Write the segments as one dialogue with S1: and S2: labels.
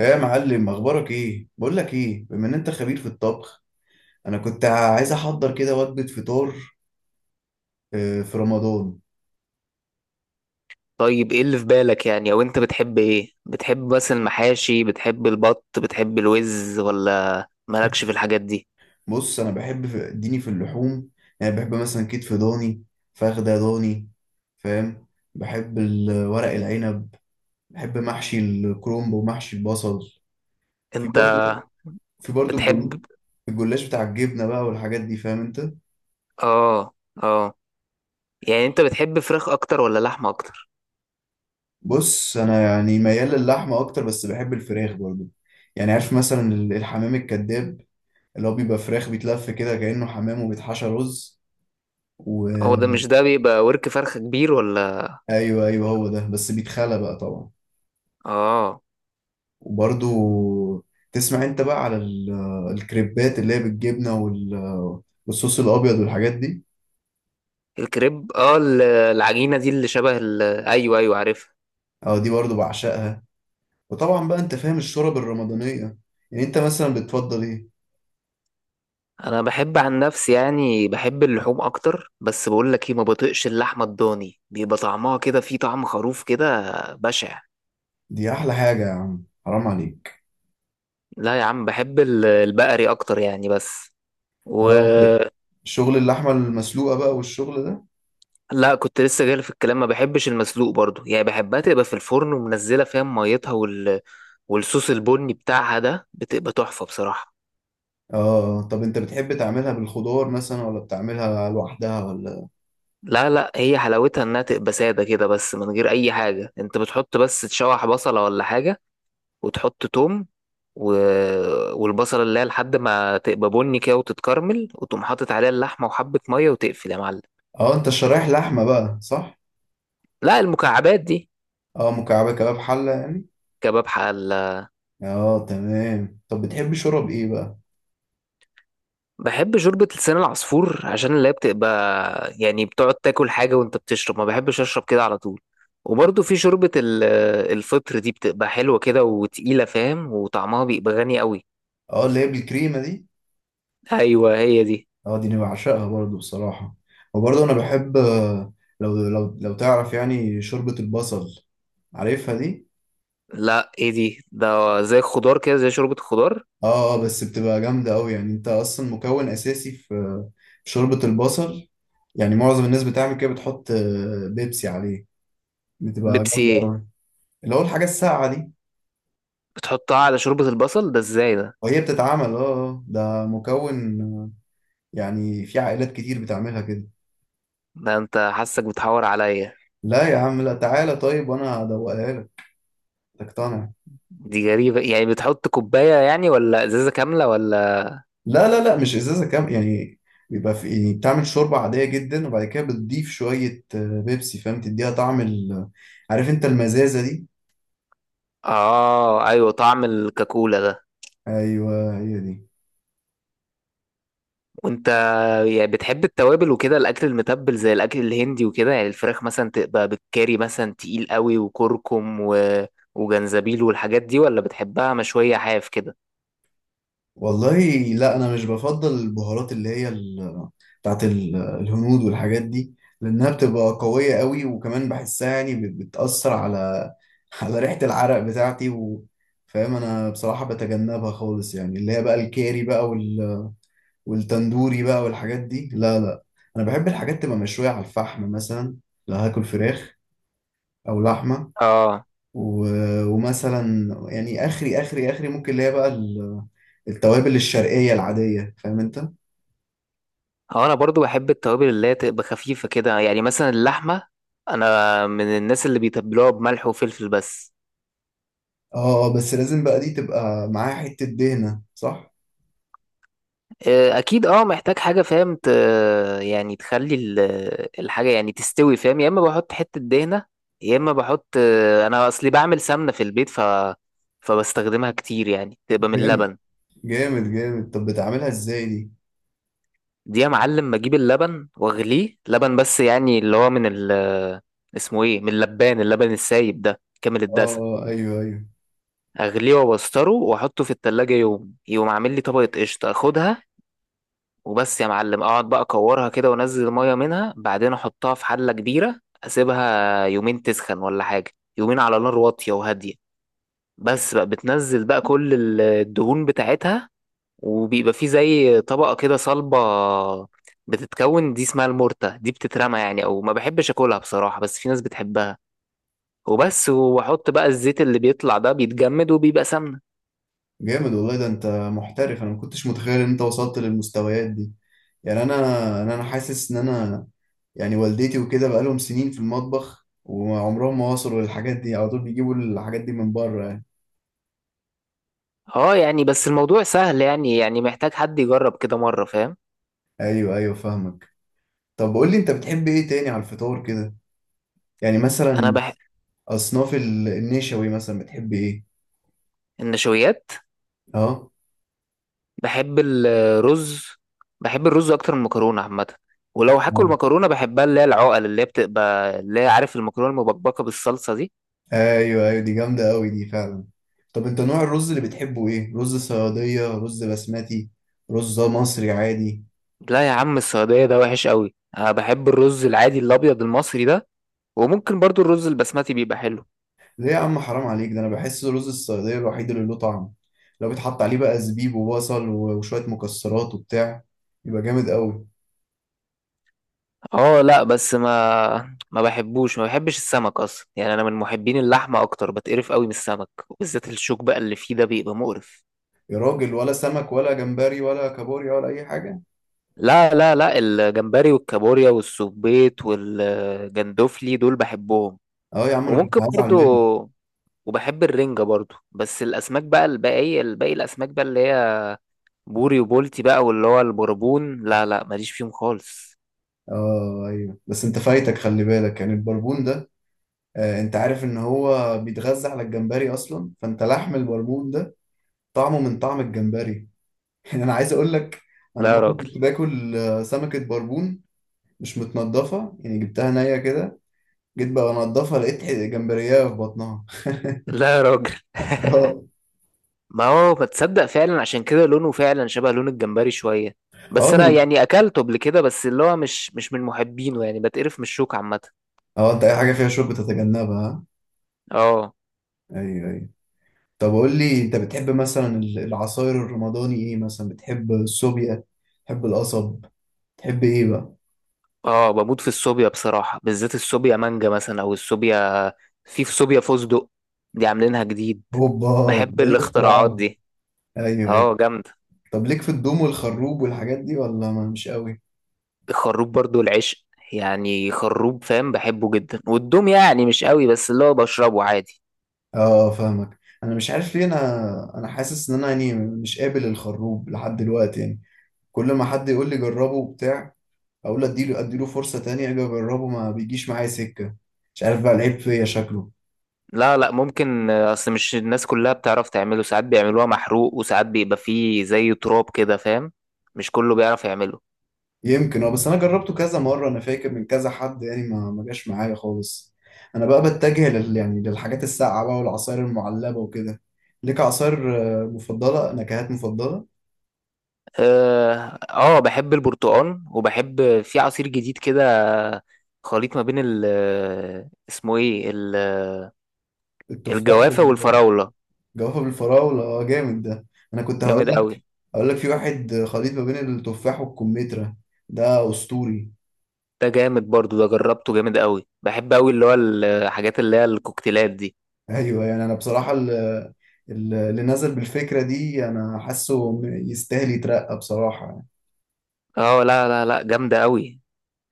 S1: ايه يا معلم، اخبارك ايه؟ بقول لك ايه، بما ان انت خبير في الطبخ، انا كنت عايز احضر كده وجبه فطار. آه، في رمضان.
S2: طيب، ايه اللي في بالك يعني؟ او انت بتحب ايه؟ بتحب بس المحاشي، بتحب البط، بتحب الوز، ولا مالكش في الحاجات دي؟
S1: بص، انا بحب اديني في اللحوم. يعني بحب مثلا كتف ضاني، فخده ضاني. فاهم؟ بحب ورق العنب، بحب محشي الكرنب ومحشي البصل. في
S2: انت
S1: برضه، في برضه الجل-
S2: بتحب.
S1: الجلاش بتاع الجبنه بقى والحاجات دي. فاهم انت؟
S2: اه، اه. يعني انت بتحب فراخ اكتر ولا لحمه اكتر؟
S1: بص، انا يعني ميال للحمه اكتر، بس بحب الفراخ برضه. يعني عارف مثلا الحمام الكذاب، اللي هو بيبقى فراخ بيتلف كده كأنه حمام وبيتحشى رز.
S2: هو ده،
S1: وأيوه،
S2: مش ده بيبقى ورك فرخه كبير، ولا؟
S1: أيوه، أيوة، هو ده، بس بيتخلى بقى طبعا.
S2: اه.
S1: وبرضو تسمع أنت بقى على الكريبات اللي هي بالجبنة والصوص الأبيض والحاجات دي.
S2: الكريب، العجينه دي اللي شبه ايوه، ايوه، عارفها.
S1: أه، دي برضو بعشقها. وطبعا بقى أنت فاهم الشرب الرمضانية. يعني أنت مثلا بتفضل إيه؟
S2: انا بحب عن نفسي، يعني بحب اللحوم اكتر، بس بقول لك ايه، ما بطيقش اللحمه الضاني، بيبقى طعمها كده فيه طعم خروف كده. بشع.
S1: دي أحلى حاجة يا عم، حرام عليك.
S2: لا يا عم، بحب البقري اكتر يعني، بس. و.
S1: أه، أنت شغل اللحمة المسلوقة بقى والشغل ده.
S2: لا، كنت لسه جاي في الكلام، ما بحبش المسلوق برضو، يعني بحبها تبقى في الفرن ومنزله فيها ميتها والصوص البني بتاعها ده، بتبقى تحفه بصراحه.
S1: أه آه. طب أنت بتحب تعملها بالخضار مثلا ولا بتعملها لوحدها ولا؟
S2: لا، لا، هي حلاوتها انها تبقى ساده كده بس، من غير اي حاجه. انت بتحط بس تشوح بصله ولا حاجه، وتحط توم، و... والبصله اللي هي لحد ما تبقى بني كده وتتكرمل، وتقوم حاطط عليها اللحمه وحبه ميه وتقفل يا معلم.
S1: اه، انت شرايح لحمة بقى، صح؟
S2: لا، المكعبات دي.
S1: اه، مكعبة كباب حلة يعني؟
S2: كباب حل.
S1: اه، تمام. طب بتحب شرب ايه بقى؟
S2: بحب شوربة لسان العصفور، عشان اللي هي بتبقى يعني بتقعد تاكل حاجة وانت بتشرب، ما بحبش اشرب كده على طول. وبرضه في شوربة الفطر دي، بتبقى حلوة كده وتقيلة فاهم، وطعمها بيبقى غني قوي.
S1: اه، اللي هي بالكريمة دي؟
S2: ايوه، هي دي.
S1: اه، دي انا بعشقها برضو بصراحة. وبرضو انا بحب، آه، لو لو تعرف يعني شوربة البصل. عارفها دي؟
S2: لا، ايه دي؟ ده زي الخضار كده، زي شوربة الخضار.
S1: اه اه، بس بتبقى جامدة اوي. يعني انت اصلا مكون اساسي في في شوربة البصل. يعني معظم الناس بتعمل كده، بتحط، آه، بيبسي عليه. بتبقى
S2: بيبسي
S1: جامدة
S2: ايه؟
S1: اوي. اللي هو الحاجة الساقعة دي.
S2: بتحطها على شوربة البصل ده ازاي ده؟
S1: وهي بتتعمل اه، آه، ده مكون. يعني في عائلات كتير بتعملها كده.
S2: ده انت حاسك بتحور عليا.
S1: لا يا عم، لا، تعالى طيب وانا هدوقها لك، تقتنع.
S2: دي غريبة يعني، بتحط كوباية يعني ولا ازازة كاملة ولا؟
S1: لا لا لا، مش ازازه كام يعني. بيبقى في، يعني بتعمل شوربه عاديه جدا، وبعد كده بتضيف شويه، آه، بيبسي. فاهم؟ تديها طعم عارف انت المزازه دي.
S2: اه، ايوه، طعم الكاكولا ده.
S1: ايوه، هي دي.
S2: وانت يعني بتحب التوابل وكده، الاكل المتبل زي الاكل الهندي وكده؟ يعني الفراخ مثلا تبقى بالكاري مثلا، تقيل قوي وكركم وجنزبيل والحاجات دي، ولا بتحبها مشوية حاف كده؟
S1: والله، لا، انا مش بفضل البهارات اللي هي بتاعت الهنود والحاجات دي، لأنها بتبقى قوية قوي، وكمان بحسها يعني بتأثر على على ريحة العرق بتاعتي و... فاهم؟ أنا بصراحة بتجنبها خالص، يعني اللي هي بقى الكاري بقى وال... والتندوري بقى والحاجات دي، لا لا. أنا بحب الحاجات تبقى مشوية على الفحم مثلا، لو هاكل فراخ أو لحمة.
S2: اه.
S1: و... ومثلا يعني آخري ممكن اللي هي بقى ال... التوابل الشرقية العادية. فاهم أنت؟
S2: اه، انا برضو بحب التوابل اللي هي تبقى خفيفة كده، يعني مثلا اللحمة، انا من الناس اللي بيتبلوها بملح وفلفل بس.
S1: اه، آه، بس لازم بقى دي تبقى معاها حتة دهنة، صح؟
S2: اكيد. اه، محتاج حاجه فاهم يعني تخلي الحاجه يعني تستوي فاهم. يا اما بحط حته دهنه، يا اما بحط، انا اصلي بعمل سمنه في البيت، فبستخدمها كتير يعني، تبقى من
S1: جامد
S2: اللبن.
S1: جامد جامد. طب بتعملها ازاي دي؟
S2: دي يا معلم بجيب اللبن واغليه، لبن بس يعني، اللي هو من ال اسمه ايه من اللبان، اللبن السايب ده كامل
S1: اه
S2: الدسم.
S1: آه، ايوه ايوه.
S2: اغليه وابستره واحطه في التلاجة، يوم يقوم عامل لي طبقة قشطة اخدها. وبس يا معلم، اقعد بقى اكورها كده وانزل الميه منها، بعدين احطها في حله كبيره، اسيبها يومين تسخن ولا حاجه، يومين على نار واطيه وهاديه. بس بقى بتنزل بقى كل الدهون بتاعتها، وبيبقى في زي طبقه كده صلبه بتتكون، دي اسمها المورتا دي، بتترمى يعني، او ما بحبش اكلها بصراحه، بس في ناس بتحبها. وبس، واحط بقى الزيت اللي بيطلع ده، بيتجمد وبيبقى سمنه.
S1: جامد والله، ده انت محترف. انا ما كنتش متخيل ان انت وصلت للمستويات دي. يعني انا، أنا حاسس ان انا يعني والدتي وكده بقى لهم سنين في المطبخ، وعمرهم ما وصلوا للحاجات دي. على طول بيجيبوا الحاجات دي من بره يعني.
S2: اه، يعني بس الموضوع سهل يعني محتاج حد يجرب كده مره فاهم.
S1: ايوه ايوه، فاهمك. طب قول لي، انت بتحب ايه تاني على الفطار كده؟ يعني
S2: انا
S1: مثلا
S2: بح...
S1: اصناف النشوي مثلا، بتحب ايه؟
S2: النشويات،
S1: اه
S2: بحب الرز. بحب الرز اكتر من المكرونه عامه. ولو هاكل مكرونه، بحبها اللي هي العقل، اللي هي بتبقى اللي هي، عارف، المكرونه المبكبكه بالصلصه دي.
S1: ايوه ايوه، دي جامده قوي دي فعلا. طب انت نوع الرز اللي بتحبه ايه؟ رز صياديه، رز بسمتي، رز مصري عادي؟
S2: لا يا عم، السعوديه ده وحش قوي، انا بحب الرز العادي الابيض المصري ده، وممكن برضو الرز البسمتي بيبقى حلو.
S1: ليه يا عم، حرام عليك. ده انا بحس رز الصياديه الوحيد اللي له طعم. لو بيتحط عليه بقى زبيب وبصل وشويه مكسرات وبتاع، يبقى جامد قوي.
S2: اه، لا، بس ما بحبوش، ما بحبش السمك اصلا يعني، انا من محبين اللحمه اكتر. بتقرف قوي من السمك، وبالذات الشوك بقى اللي فيه ده بيبقى مقرف.
S1: يا راجل، ولا سمك ولا جمبري ولا كابوريا ولا اي حاجه؟
S2: لا، لا، لا، الجمبري والكابوريا والسبيط والجندوفلي دول بحبهم.
S1: اه يا عم، انا كنت
S2: وممكن
S1: هزعل
S2: برضو،
S1: منك.
S2: وبحب الرنجة برضو، بس الأسماك بقى الباقية، الباقي الأسماك بقى اللي هي بوري وبولتي بقى، واللي هو البربون، لا لا، ماليش فيهم خالص.
S1: اه ايوه، بس انت فايتك، خلي بالك، يعني البربون ده، آه، انت عارف ان هو بيتغذى على الجمبري اصلا، فانت لحم البربون ده طعمه من طعم الجمبري. يعني انا عايز اقول لك، انا
S2: لا يا
S1: مره
S2: راجل.
S1: كنت باكل، آه، سمكه بربون مش متنضفه، يعني جبتها نيه كده. جيت بقى انضفها، لقيت جمبريه في بطنها.
S2: لا يا راجل.
S1: اه.
S2: ما هو ما تصدق فعلا، عشان كده لونه فعلا شبه لون الجمبري شوية.
S1: اه
S2: بس أنا يعني أكلته قبل كده، بس اللي هو مش من محبينه يعني، بتقرف من الشوك عامة.
S1: اه، انت اي حاجه فيها شوك بتتجنبها، ها؟
S2: اه،
S1: ايوه ايوه. طب قول لي، انت بتحب مثلا العصاير الرمضاني ايه؟ مثلا بتحب السوبيا، بتحب القصب، بتحب ايه بقى؟
S2: اه، بموت في الصوبيا بصراحة، بالذات الصوبيا مانجا مثلا، او الصوبيا. في صوبيا فستق، دي عاملينها جديد.
S1: هوبا.
S2: بحب
S1: ده ايه
S2: الاختراعات
S1: الاختراعات دي؟
S2: دي.
S1: ايوه ايوه.
S2: اه، جامدة.
S1: طب ليك في الدوم والخروب والحاجات دي ولا ما مش قوي؟
S2: الخروب برضو العشق، يعني خروب فاهم، بحبه جدا. والدوم يعني مش قوي، بس اللي هو بشربه عادي.
S1: اه فاهمك. انا مش عارف ليه، انا، حاسس ان انا يعني مش قابل الخروب لحد دلوقتي يعني. كل ما حد يقول لي جربه وبتاع، اقول اديله، اديله فرصة تانية، اجي اجربه ما بيجيش معايا سكة. مش عارف بقى العيب فيا شكله.
S2: لا، لا، ممكن. اصل مش الناس كلها بتعرف تعمله، ساعات بيعملوها محروق، وساعات بيبقى فيه زي تراب كده فاهم. مش كله بيعرف يعمله.
S1: يمكن اه. بس انا جربته كذا مرة، انا فاكر من كذا حد يعني، ما جاش معايا خالص. انا بقى بتجه لل يعني للحاجات الساقعة بقى والعصاير المعلبة وكده. ليك عصاير، آه، مفضلة؟ نكهات مفضلة؟
S2: اه، بحب البرتقال، وبحب في عصير جديد كده، خليط ما بين ال اسمه ايه ال-
S1: التفاح
S2: الجوافة
S1: والجوافة.
S2: والفراولة.
S1: بالفراولة، اه جامد ده. انا كنت هقول
S2: جامد قوي.
S1: اقول لك، في واحد خليط ما بين التفاح والكمثرى، ده اسطوري.
S2: ده جامد برضو، ده جربته، جامد قوي، بحب قوي اللي هو الحاجات اللي هي الكوكتيلات دي.
S1: ايوه، يعني انا بصراحه اللي نزل بالفكره دي انا حاسه يستاهل يترقى بصراحه يعني.
S2: اه، لا، لا، لا، جامدة قوي.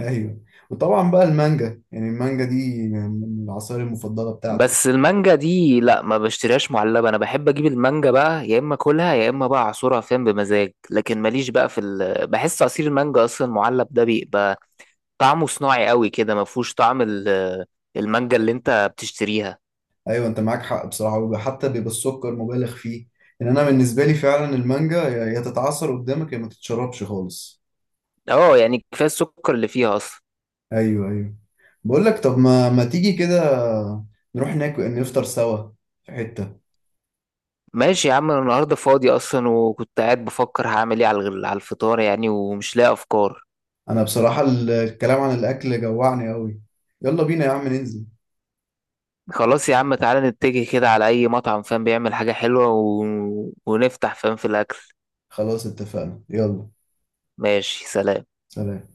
S1: ايوه. وطبعا بقى المانجا، يعني المانجا دي من من العصائر المفضله بتاعتي.
S2: بس المانجا دي لا، ما بشتريهاش معلبة، انا بحب اجيب المانجا بقى، يا اما اكلها يا اما بقى اعصرها فين بمزاج. لكن ماليش بقى في بحس عصير المانجا اصلا معلب ده بيبقى طعمه صناعي قوي كده، ما فيهوش طعم المانجا اللي انت بتشتريها.
S1: ايوه انت معاك حق بصراحه. حتى بيبقى السكر مبالغ فيه. ان انا بالنسبه لي فعلا المانجا يا تتعصر قدامك يا ما تتشربش خالص.
S2: اه، يعني كفايه السكر اللي فيها اصلا.
S1: ايوه ايوه. بقول لك، طب ما تيجي كده، نروح ناكل نفطر سوا في حته.
S2: ماشي يا عم، انا النهارده فاضي اصلا، وكنت قاعد بفكر هعمل ايه على على الفطار يعني، ومش لاقي افكار.
S1: انا بصراحة الكلام عن الاكل جوعني قوي. يلا بينا يا عم ننزل.
S2: خلاص يا عم، تعالى نتجه كده على اي مطعم فاهم بيعمل حاجه حلوه ونفتح فاهم في الاكل.
S1: خلاص اتفقنا، يلا.
S2: ماشي، سلام.
S1: سلام.